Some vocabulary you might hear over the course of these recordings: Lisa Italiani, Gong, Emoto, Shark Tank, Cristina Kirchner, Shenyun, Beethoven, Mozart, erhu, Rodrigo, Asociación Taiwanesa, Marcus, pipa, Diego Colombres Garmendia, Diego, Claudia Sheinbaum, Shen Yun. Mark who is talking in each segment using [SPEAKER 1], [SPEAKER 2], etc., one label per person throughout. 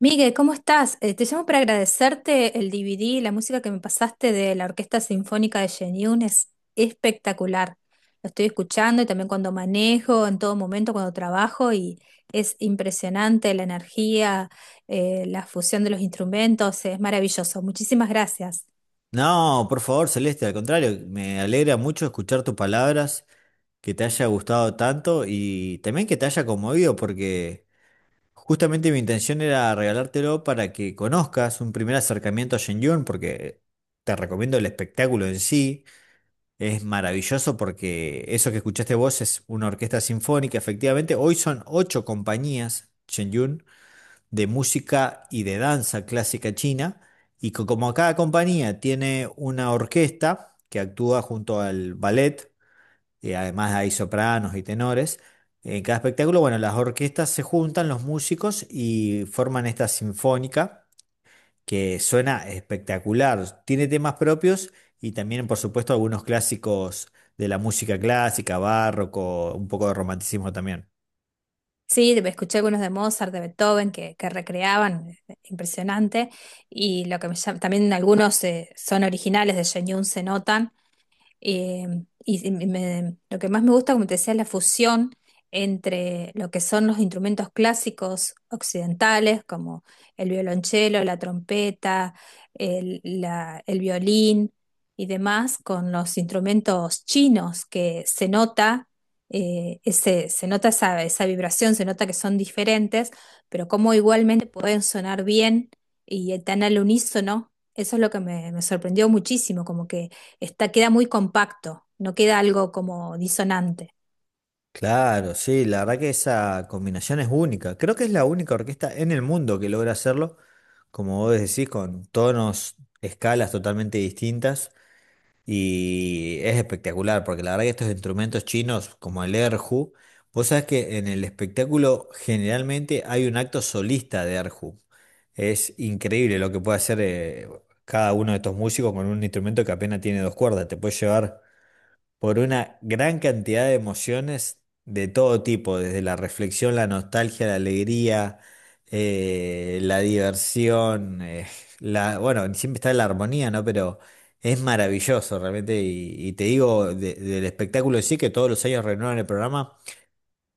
[SPEAKER 1] Miguel, ¿cómo estás? Te llamo para agradecerte el DVD, la música que me pasaste de la Orquesta Sinfónica de Shenyun es espectacular. Lo estoy escuchando y también cuando manejo, en todo momento, cuando trabajo y es impresionante la energía, la fusión de los instrumentos, es maravilloso. Muchísimas gracias.
[SPEAKER 2] No, por favor, Celeste, al contrario, me alegra mucho escuchar tus palabras, que te haya gustado tanto y también que te haya conmovido, porque justamente mi intención era regalártelo para que conozcas un primer acercamiento a Shenyun, porque te recomiendo el espectáculo en sí, es maravilloso porque eso que escuchaste vos es una orquesta sinfónica, efectivamente, hoy son ocho compañías, Shenyun de música y de danza clásica china. Y como cada compañía tiene una orquesta que actúa junto al ballet, y además hay sopranos y tenores, en cada espectáculo, bueno, las orquestas se juntan, los músicos, y forman esta sinfónica que suena espectacular. Tiene temas propios y también, por supuesto, algunos clásicos de la música clásica, barroco, un poco de romanticismo también.
[SPEAKER 1] Sí, escuché algunos de Mozart, de Beethoven que recreaban, impresionante. Y lo que también algunos son originales de Shenyun, se notan. Eh, lo que más me gusta, como te decía, es la fusión entre lo que son los instrumentos clásicos occidentales, como el violonchelo, la trompeta, el violín y demás, con los instrumentos chinos, que se nota, se nota esa vibración, se nota que son diferentes, pero como igualmente pueden sonar bien y tan al unísono. Eso es lo que me sorprendió muchísimo, como que está, queda muy compacto, no queda algo como disonante.
[SPEAKER 2] Claro, sí, la verdad que esa combinación es única. Creo que es la única orquesta en el mundo que logra hacerlo, como vos decís, con tonos, escalas totalmente distintas. Y es espectacular, porque la verdad que estos instrumentos chinos, como el erhu, vos sabés que en el espectáculo generalmente hay un acto solista de erhu. Es increíble lo que puede hacer cada uno de estos músicos con un instrumento que apenas tiene dos cuerdas. Te puede llevar por una gran cantidad de emociones de todo tipo, desde la reflexión, la nostalgia, la alegría, la diversión, la, bueno, siempre está la armonía, ¿no? Pero es maravilloso realmente y te digo, del espectáculo en sí, que todos los años renuevan el programa,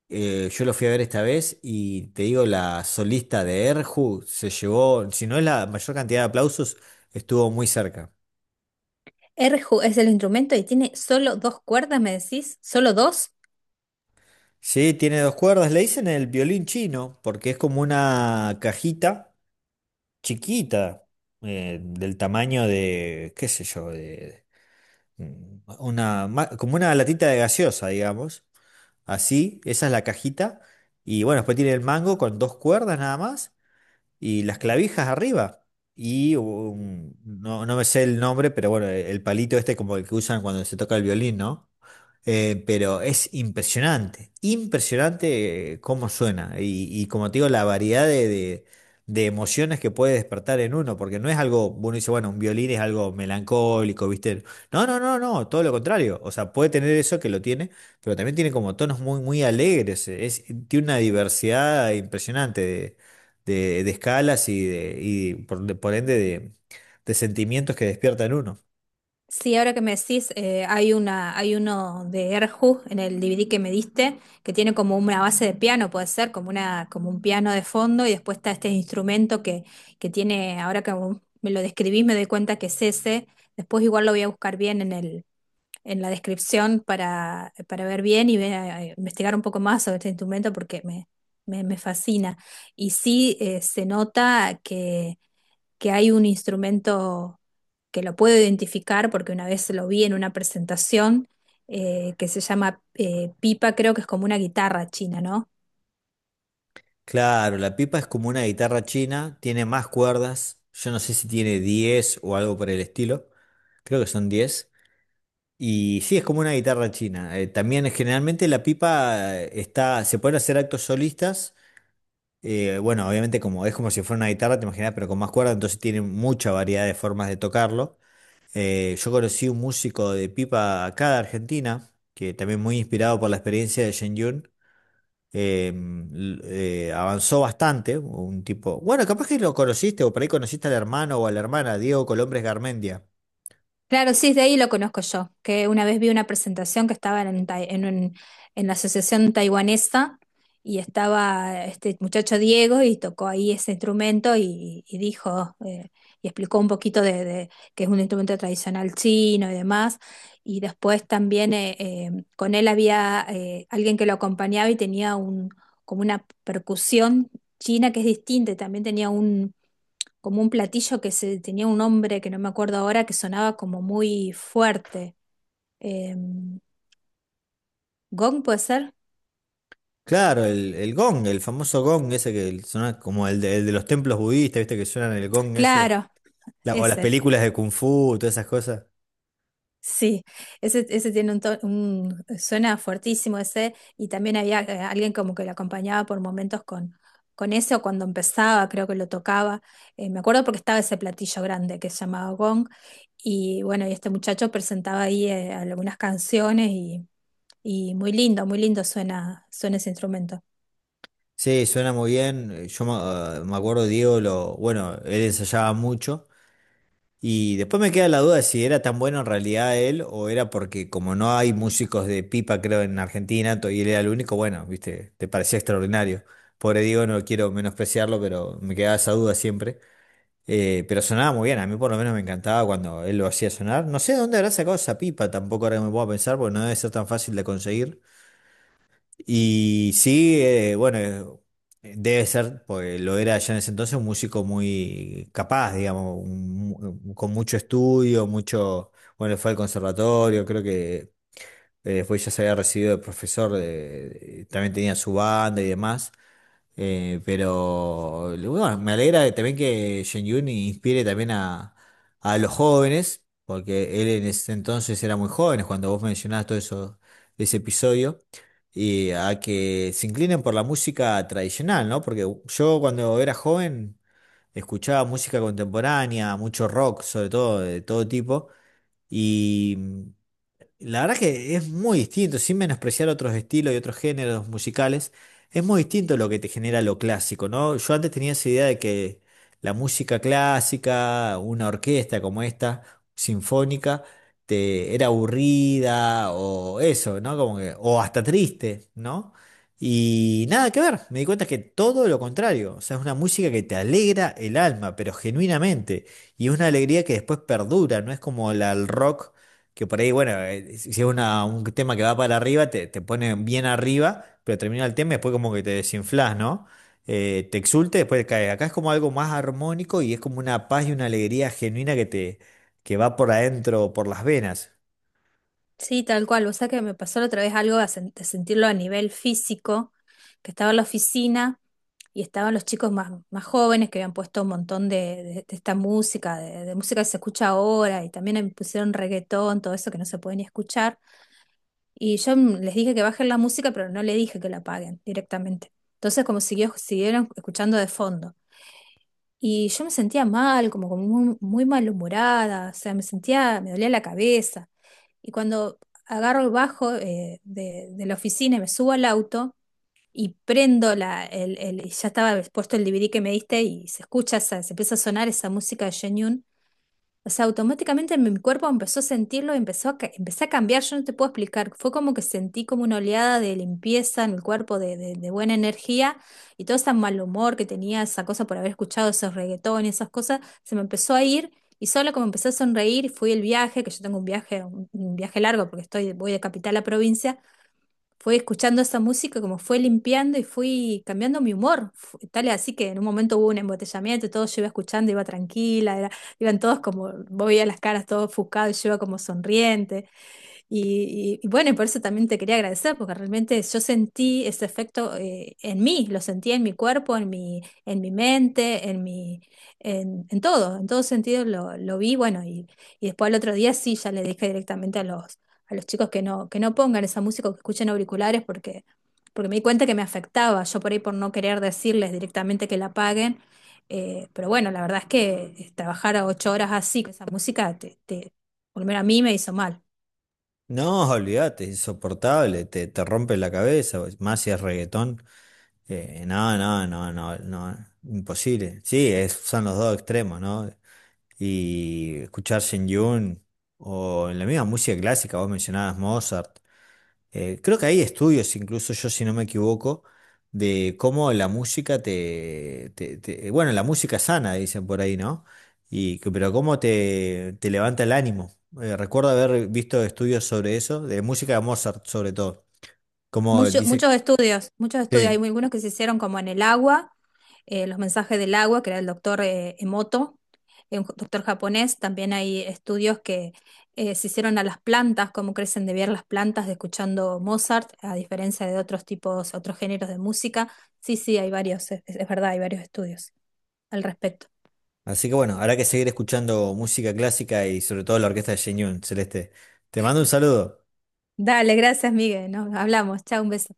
[SPEAKER 2] yo lo fui a ver esta vez y te digo, la solista de Erju se llevó, si no es la mayor cantidad de aplausos, estuvo muy cerca.
[SPEAKER 1] Erhu es el instrumento y tiene solo dos cuerdas, me decís, solo dos.
[SPEAKER 2] Sí, tiene dos cuerdas. Le dicen el violín chino porque es como una cajita chiquita, del tamaño de, qué sé yo, de una, como una latita de gaseosa, digamos. Así, esa es la cajita. Y bueno, después tiene el mango con dos cuerdas nada más y las clavijas arriba. Y no, no me sé el nombre, pero bueno, el palito este como el que usan cuando se toca el violín, ¿no? Pero es impresionante, impresionante cómo suena y como te digo, la variedad de, de emociones que puede despertar en uno, porque no es algo, uno dice, bueno, un violín es algo melancólico, ¿viste? No, no, no, no, todo lo contrario, o sea, puede tener eso que lo tiene, pero también tiene como tonos muy, muy alegres, es, tiene una diversidad impresionante de, de escalas y, de, y por ende de sentimientos que despierta en uno.
[SPEAKER 1] Sí, ahora que me decís, hay hay uno de Erhu en el DVD que me diste, que tiene como una base de piano, puede ser, como una, como un piano de fondo, y después está este instrumento que tiene, ahora que me lo describís, me doy cuenta que es ese. Después igual lo voy a buscar bien en en la descripción para ver bien y investigar un poco más sobre este instrumento me fascina. Y sí se nota que hay un instrumento que lo puedo identificar porque una vez lo vi en una presentación que se llama pipa, creo que es como una guitarra china, ¿no?
[SPEAKER 2] Claro, la pipa es como una guitarra china, tiene más cuerdas, yo no sé si tiene 10 o algo por el estilo, creo que son 10. Y sí, es como una guitarra china. También generalmente la pipa está, se pueden hacer actos solistas, bueno, obviamente como es como si fuera una guitarra, te imaginas, pero con más cuerdas, entonces tiene mucha variedad de formas de tocarlo. Yo conocí un músico de pipa acá de Argentina, que también muy inspirado por la experiencia de Shen eh, avanzó bastante, un tipo, bueno, capaz que lo conociste o por ahí conociste al hermano o a la hermana, Diego Colombres Garmendia.
[SPEAKER 1] Claro, sí, de ahí lo conozco yo, que una vez vi una presentación que estaba en la Asociación Taiwanesa y estaba este muchacho Diego y tocó ahí ese instrumento y dijo y explicó un poquito de que es un instrumento tradicional chino y demás. Y después también con él había alguien que lo acompañaba y tenía un, como una percusión china que es distinta, y también tenía como un platillo tenía un nombre que no me acuerdo ahora, que sonaba como muy fuerte. Eh, ¿Gong puede ser?
[SPEAKER 2] Claro, el gong, el famoso gong ese que suena como el de los templos budistas, ¿viste? Que suenan el gong ese.
[SPEAKER 1] Claro,
[SPEAKER 2] O las
[SPEAKER 1] ese.
[SPEAKER 2] películas de Kung Fu, todas esas cosas.
[SPEAKER 1] Sí, ese tiene suena fuertísimo ese, y también había alguien como que lo acompañaba por momentos con ese, o cuando empezaba, creo que lo tocaba. Me acuerdo porque estaba ese platillo grande que se llamaba gong, y bueno, y este muchacho presentaba ahí algunas canciones y muy lindo suena, suena ese instrumento.
[SPEAKER 2] Sí, suena muy bien. Yo me, ah, me acuerdo, Diego, lo, bueno, él ensayaba mucho. Y después me queda la duda de si era tan bueno en realidad él o era porque como no hay músicos de pipa, creo, en Argentina, y él era el único, bueno, viste, te parecía extraordinario. Pobre Diego, no quiero menospreciarlo, pero me quedaba esa duda siempre. Pero sonaba muy bien, a mí por lo menos me encantaba cuando él lo hacía sonar. No sé de dónde habrá sacado esa pipa, tampoco ahora que me puedo pensar, porque no debe ser tan fácil de conseguir. Y sí, bueno, debe ser, porque lo era ya en ese entonces, un músico muy capaz, digamos, con mucho estudio, mucho, bueno, fue al conservatorio, creo que después ya se había recibido de profesor, también tenía su banda y demás. Pero bueno, me alegra también que Shen Yun inspire también a los jóvenes, porque él en ese entonces era muy joven, cuando vos mencionabas todo eso, ese episodio, y a que se inclinen por la música tradicional, ¿no? Porque yo cuando era joven escuchaba música contemporánea, mucho rock, sobre todo, de todo tipo, y la verdad que es muy distinto, sin menospreciar otros estilos y otros géneros musicales, es muy distinto lo que te genera lo clásico, ¿no? Yo antes tenía esa idea de que la música clásica, una orquesta como esta, sinfónica, te era aburrida o eso, ¿no? Como que, o hasta triste, ¿no? Y nada que ver, me di cuenta que todo lo contrario, o sea, es una música que te alegra el alma, pero genuinamente, y es una alegría que después perdura, no es como la, el rock que por ahí, bueno, si es un tema que va para arriba, te pone bien arriba, pero termina el tema y después como que te desinflás, ¿no? Te exulte, después te caes. Acá es como algo más armónico y es como una paz y una alegría genuina que te, que va por adentro, por las venas.
[SPEAKER 1] Sí, tal cual. Vos sabés que me pasó la otra vez algo de, de sentirlo a nivel físico, que estaba en la oficina y estaban los chicos más, más jóvenes que habían puesto un montón de esta música, de música que se escucha ahora, y también pusieron reggaetón, todo eso que no se puede ni escuchar. Y yo les dije que bajen la música, pero no le dije que la apaguen directamente. Entonces, siguieron escuchando de fondo. Y yo me sentía mal, como, como muy, muy malhumorada, o sea, me sentía, me dolía la cabeza. Y cuando agarro el bajo de la oficina y me subo al auto y prendo y ya estaba puesto el DVD que me diste y se escucha, se empieza a sonar esa música de Shenyun, o sea, automáticamente mi cuerpo empezó a sentirlo, empezó a, empecé a cambiar, yo no te puedo explicar, fue como que sentí como una oleada de limpieza en el cuerpo, de buena energía y todo ese mal humor que tenía, esa cosa por haber escuchado esos reggaetones, esas cosas, se me empezó a ir y solo como empecé a sonreír, fui el viaje, que yo tengo un viaje, un viaje largo porque estoy, voy de capital a provincia, fui escuchando esa música, como fue limpiando y fui cambiando mi humor. Tal es así que en un momento hubo un embotellamiento, y todo yo iba escuchando, iba tranquila, iban todos como, vos veías las caras todos ofuscados, y yo iba como sonriente. Y bueno, y por eso también te quería agradecer, porque realmente yo sentí ese efecto en mí, lo sentí en mi cuerpo, en mi mente, en todo sentido lo vi, bueno, y después al otro día sí, ya le dije directamente a a los chicos que no pongan esa música o que escuchen auriculares porque, porque me di cuenta que me afectaba, yo por ahí por no querer decirles directamente que la apaguen, pero bueno, la verdad es que trabajar a 8 horas así, con esa música, por lo menos a mí me hizo mal.
[SPEAKER 2] No, olvídate, es insoportable, te rompe la cabeza, más si es reggaetón. No, no, no, no, no, imposible. Sí, es- son los dos extremos, ¿no? Y escuchar Shen Yun o en la misma música clásica, vos mencionabas Mozart. Creo que hay estudios, incluso yo si no me equivoco, de cómo la música bueno, la música sana, dicen por ahí, ¿no? Pero cómo te, te levanta el ánimo. Recuerdo haber visto estudios sobre eso, de música de Mozart sobre todo. Como dice,
[SPEAKER 1] Muchos estudios, muchos estudios. Hay
[SPEAKER 2] sí.
[SPEAKER 1] algunos que se hicieron como en el agua, los mensajes del agua, que era el doctor Emoto, un doctor japonés. También hay estudios que se hicieron a las plantas, cómo crecen de ver las plantas de escuchando Mozart, a diferencia de otros tipos, otros géneros de música. Sí, sí, hay varios, es verdad, hay varios estudios al respecto.
[SPEAKER 2] Así que bueno, habrá que seguir escuchando música clásica y sobre todo la orquesta de Shen Yun, Celeste. Te mando un saludo.
[SPEAKER 1] Dale, gracias, Miguel. Nos hablamos. Chao, un beso.